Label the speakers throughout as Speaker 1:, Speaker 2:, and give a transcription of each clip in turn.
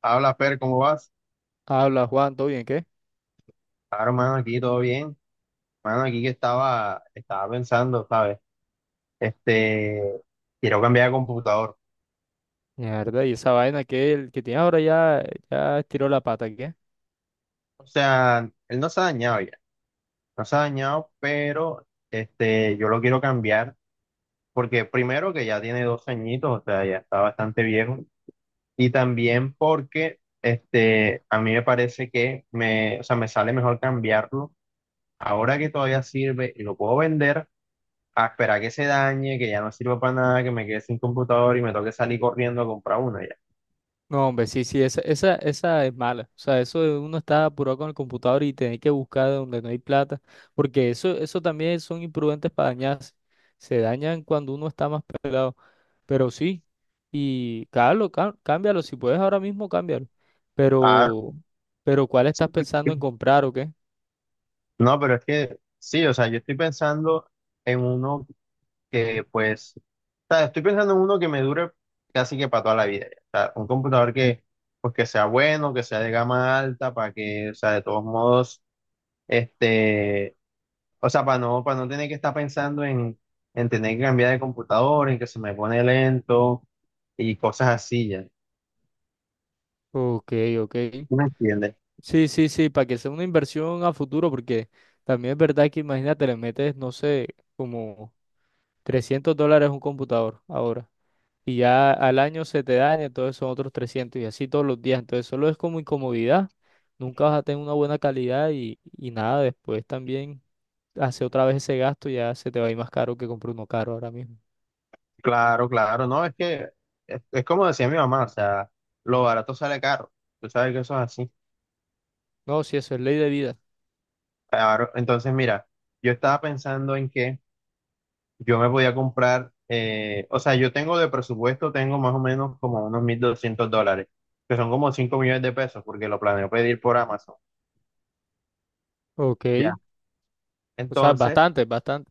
Speaker 1: Habla, Fer, ¿cómo vas?
Speaker 2: Habla Juan, ¿todo bien? ¿Qué?
Speaker 1: Claro, mano, aquí todo bien. Mano, aquí que estaba pensando, ¿sabes? Este, quiero cambiar de computador.
Speaker 2: Mierda, y esa vaina que el que tiene ahora ya, ya estiró la pata, ¿qué?
Speaker 1: O sea, él no se ha dañado ya, no se ha dañado, pero este, yo lo quiero cambiar porque primero que ya tiene 2 añitos, o sea, ya está bastante viejo. Y también porque este, a mí me parece que me, o sea, me sale mejor cambiarlo ahora que todavía sirve y lo puedo vender a esperar que se dañe, que ya no sirva para nada, que me quede sin computador y me toque salir corriendo a comprar uno ya.
Speaker 2: No, hombre, sí, sí, esa, esa es mala. O sea, eso de uno está apurado con el computador y tener que buscar donde no hay plata. Porque eso también son imprudentes para dañarse. Se dañan cuando uno está más pelado. Pero sí, y cámbialo, cámbialo. Si puedes ahora mismo, cámbialo.
Speaker 1: Ah,
Speaker 2: Pero, pero ¿cuál
Speaker 1: sí,
Speaker 2: estás pensando en comprar o qué?
Speaker 1: no, pero es que sí, o sea, yo estoy pensando en uno que pues, o sea, estoy pensando en uno que me dure casi que para toda la vida, ya. O sea, un computador que pues que sea bueno, que sea de gama alta, para que, o sea, de todos modos, este, o sea, para no tener que estar pensando en tener que cambiar de computador, en que se me pone lento y cosas así ya.
Speaker 2: Ok, ok.
Speaker 1: ¿Sí? ¿Me entiendes?
Speaker 2: Sí, sí, sí, para que sea una inversión a futuro, porque también es verdad que imagínate, le metes, no sé, como $300 a un computador ahora, y ya al año se te daña, entonces son otros 300 y así todos los días, entonces solo es como incomodidad, nunca vas a tener una buena calidad y nada, después también hace otra vez ese gasto, ya se te va a ir más caro que comprar uno caro ahora mismo.
Speaker 1: Claro, claro, no, es que es como decía mi mamá, o sea, lo barato sale caro, tú sabes que eso es así.
Speaker 2: No, sí, eso es ley de vida.
Speaker 1: Claro, entonces mira, yo estaba pensando en que yo me podía comprar, o sea, yo tengo de presupuesto, tengo más o menos como unos 1.200 dólares, que son como 5 millones de pesos, porque lo planeo pedir por Amazon,
Speaker 2: Ok,
Speaker 1: ya.
Speaker 2: o sea,
Speaker 1: Entonces,
Speaker 2: bastante, bastante.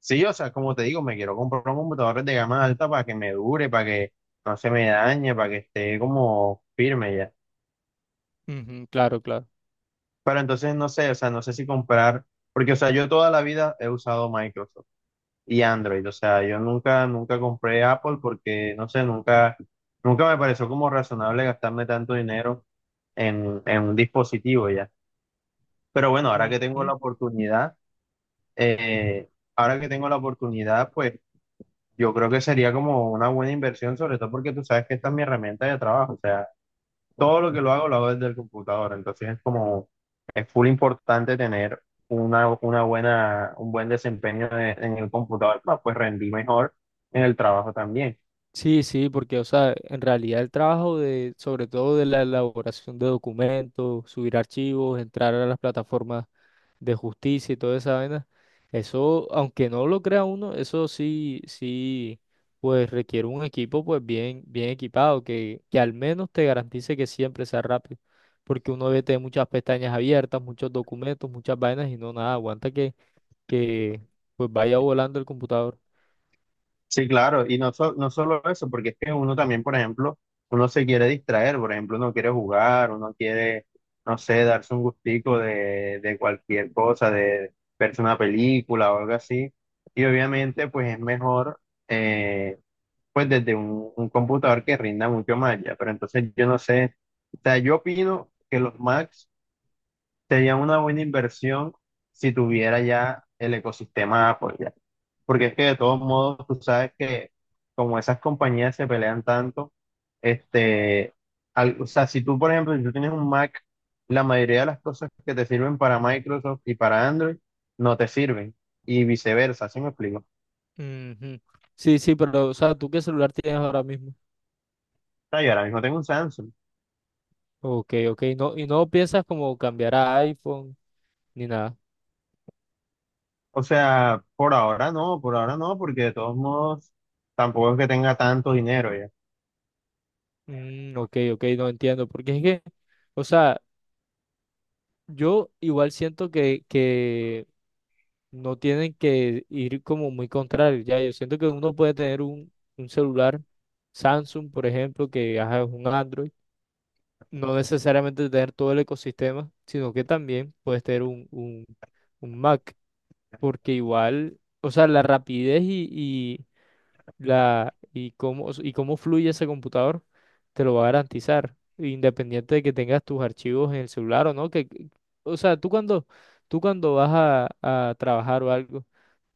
Speaker 1: sí, o sea, como te digo, me quiero comprar un computador de gama alta para que me dure, para que no se me dañe, para que esté como firme.
Speaker 2: Ujú, claro, claro.
Speaker 1: Pero entonces no sé, o sea, no sé si comprar, porque, o sea, yo toda la vida he usado Microsoft y Android, o sea, yo nunca, nunca compré Apple porque, no sé, nunca, nunca me pareció como razonable gastarme tanto dinero en un dispositivo ya. Pero bueno, ahora que tengo
Speaker 2: Ujú.
Speaker 1: la oportunidad, eh, ahora que tengo la oportunidad, pues yo creo que sería como una buena inversión, sobre todo porque tú sabes que esta es mi herramienta de trabajo, o sea todo lo que lo hago desde el computador. Entonces es como, es full importante tener una buena, un buen desempeño en el computador, para pues rendir mejor en el trabajo también.
Speaker 2: Sí, sí, porque, o sea, en realidad el trabajo de, sobre todo de la elaboración de documentos, subir archivos, entrar a las plataformas de justicia y toda esa vaina, eso, aunque no lo crea uno, eso sí, sí, pues requiere un equipo pues bien, bien equipado, que al menos te garantice que siempre sea rápido, porque uno ve te muchas pestañas abiertas, muchos documentos, muchas vainas y no nada, aguanta que pues vaya volando el computador.
Speaker 1: Sí, claro, y no, no solo eso, porque es que uno también, por ejemplo, uno se quiere distraer, por ejemplo, uno quiere jugar, uno quiere, no sé, darse un gustico de cualquier cosa, de verse una película o algo así. Y obviamente, pues es mejor, eh, pues desde un computador que rinda mucho más ya. Pero entonces yo no sé, o sea, yo opino que los Macs serían una buena inversión si tuviera ya el ecosistema Apple ya. Porque es que de todos modos, tú sabes que como esas compañías se pelean tanto, este, o sea, si tú, por ejemplo, si tú tienes un Mac, la mayoría de las cosas que te sirven para Microsoft y para Android no te sirven. Y viceversa, ¿sí me explico? O
Speaker 2: Ujú. Sí, sí, pero, o sea, ¿tú qué celular tienes ahora mismo?
Speaker 1: sea, yo ahora mismo tengo un Samsung.
Speaker 2: Ok, ok, no, y no piensas como cambiar a iPhone ni nada.
Speaker 1: O sea, por ahora no, porque de todos modos tampoco es que tenga tanto dinero ya.
Speaker 2: Mm, ok, ok, no entiendo, porque es que, o sea, yo igual siento que no tienen que ir como muy contrario, ya, yo siento que uno puede tener un celular Samsung, por ejemplo, que ajá, es un Android, no necesariamente tener todo el ecosistema, sino que también puedes tener un Mac. Porque igual, o sea, la rapidez y la y cómo fluye ese computador te lo va a garantizar, independiente de que tengas tus archivos en el celular o no, que o sea, tú cuando vas a trabajar o algo,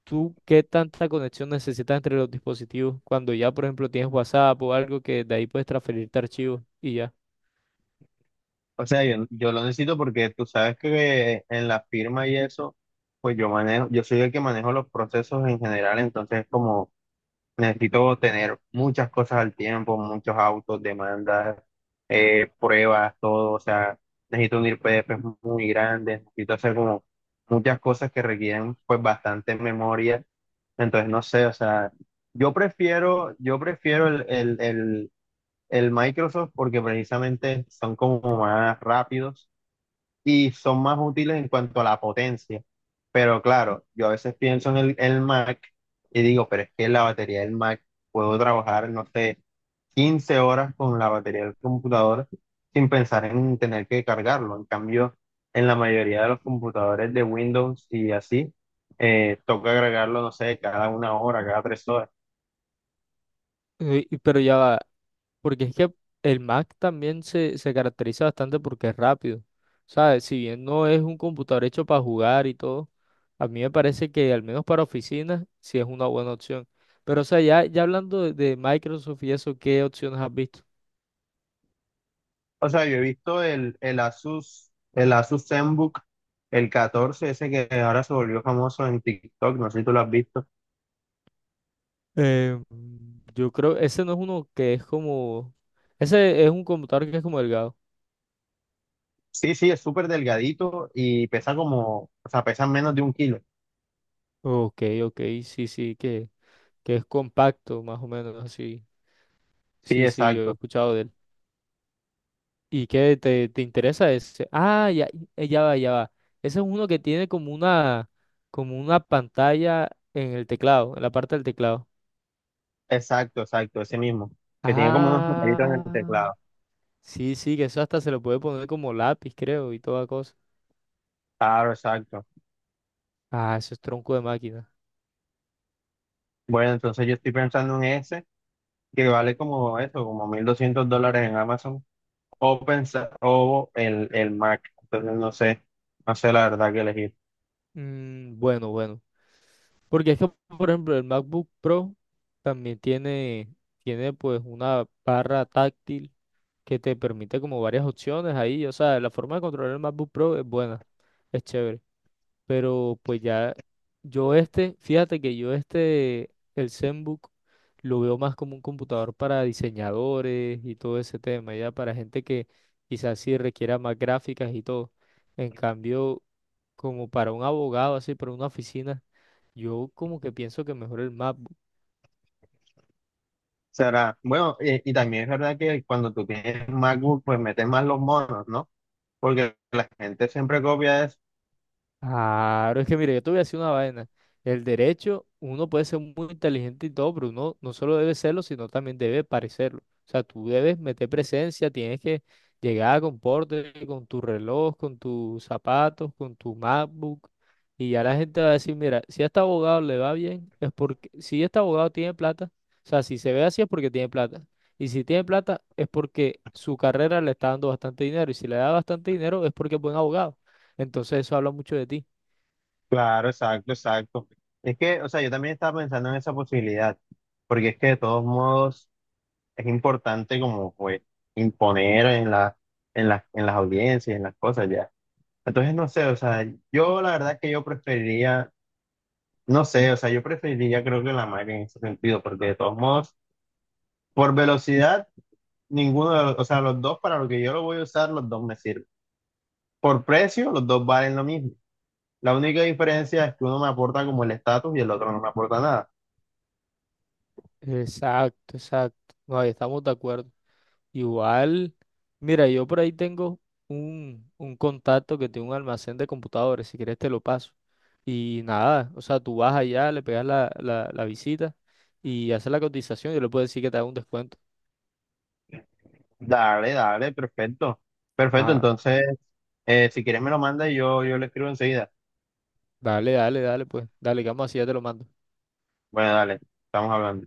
Speaker 2: tú qué tanta conexión necesitas entre los dispositivos cuando ya, por ejemplo, tienes WhatsApp o algo que de ahí puedes transferirte archivos y ya.
Speaker 1: O sea, yo lo necesito porque tú sabes que en la firma y eso, pues yo manejo, yo soy el que manejo los procesos en general, entonces como necesito tener muchas cosas al tiempo, muchos autos, demandas, pruebas, todo. O sea, necesito unir PDFs muy grandes, necesito hacer como muchas cosas que requieren pues bastante memoria. Entonces, no sé, o sea, yo prefiero el Microsoft porque precisamente son como más rápidos y son más útiles en cuanto a la potencia. Pero claro, yo a veces pienso en el Mac y digo, pero es que la batería del Mac puedo trabajar, no sé, 15 horas con la batería del computador sin pensar en tener que cargarlo. En cambio, en la mayoría de los computadores de Windows y así, toca agregarlo, no sé, cada 1 hora, cada 3 horas.
Speaker 2: Pero ya va, porque es que el Mac también se caracteriza bastante porque es rápido. ¿Sabes? Si bien no es un computador hecho para jugar y todo, a mí me parece que al menos para oficinas sí es una buena opción. Pero, o sea, ya, ya hablando de Microsoft y eso, ¿qué opciones has visto?
Speaker 1: O sea, yo he visto el Asus ZenBook, el 14 ese que ahora se volvió famoso en TikTok, no sé si tú lo has visto.
Speaker 2: Eh, yo creo, ese no es uno que es como, ese es un computador que es como delgado.
Speaker 1: Sí, sí, es súper delgadito y pesa como, o sea, pesa menos de 1 kilo.
Speaker 2: Ok, ok, sí, sí, que es compacto, más o menos así.
Speaker 1: Sí,
Speaker 2: Sí, sí, yo he escuchado. ¿Y qué te, te interesa ese? Ah, ya, ya va, ya va. Ese es uno que tiene como una pantalla en el teclado, en la parte del teclado.
Speaker 1: exacto, ese mismo, que tiene como unos numeritos en
Speaker 2: Ah,
Speaker 1: el teclado.
Speaker 2: sí, sí, que eso hasta se lo puede poner como lápiz, creo, y toda cosa.
Speaker 1: Claro, exacto.
Speaker 2: Ah, eso es tronco de máquina.
Speaker 1: Bueno, entonces yo estoy pensando en ese, que vale como eso, como 1.200 dólares en Amazon, o, pensar, o el Mac, entonces no sé, no sé la verdad que elegir.
Speaker 2: Mm, bueno, bueno. Porque es que, por ejemplo, el MacBook Pro también tiene, tiene pues una barra táctil que te permite como varias opciones ahí. O sea, la forma de controlar el MacBook Pro es buena, es chévere. Pero pues ya yo este, fíjate que yo este, el ZenBook, lo veo más como un computador para diseñadores y todo ese tema, ya para gente que quizás sí requiera más gráficas y todo. En cambio, como para un abogado, así, para una oficina, yo como que pienso que mejor el MacBook.
Speaker 1: Será, bueno, y, también es verdad que cuando tú tienes MacBook, pues metes más los monos, ¿no? Porque la gente siempre copia eso.
Speaker 2: Claro, es que mire, yo te voy a decir una vaina. El derecho, uno puede ser muy inteligente y todo, pero uno no solo debe serlo, sino también debe parecerlo. O sea, tú debes meter presencia, tienes que llegar con porte, con tu reloj, con tus zapatos, con tu MacBook. Y ya la gente va a decir, mira, si a este abogado le va bien, es porque, si este abogado tiene plata, o sea, si se ve así es porque tiene plata. Y si tiene plata es porque su carrera le está dando bastante dinero. Y si le da bastante dinero es porque es buen abogado. Entonces eso habla mucho de ti.
Speaker 1: Claro, exacto, exacto. Es que, o sea, yo también estaba pensando en esa posibilidad, porque es que de todos modos es importante como pues imponer en la, en las audiencias, en las cosas ya. Entonces, no sé, o sea, yo la verdad es que yo preferiría, no sé, o sea, yo preferiría creo que la Mac en ese sentido, porque de todos modos, por velocidad. Ninguno de los, o sea, los dos para lo que yo lo voy a usar, los dos me sirven. Por precio, los dos valen lo mismo. La única diferencia es que uno me aporta como el estatus y el otro no me aporta nada.
Speaker 2: Exacto, exacto. No, ahí estamos de acuerdo. Igual, mira, yo por ahí tengo un contacto que tiene un almacén de computadores, si quieres te lo paso. Y nada, o sea, tú vas allá, le pegas la, la visita y haces la cotización y yo le puedo decir que te haga un descuento.
Speaker 1: Dale, dale, perfecto. Perfecto,
Speaker 2: Ah,
Speaker 1: entonces, si quieres me lo manda y yo le escribo enseguida.
Speaker 2: dale, dale, dale, pues, dale, que vamos así, ya te lo mando.
Speaker 1: Bueno, dale, estamos hablando.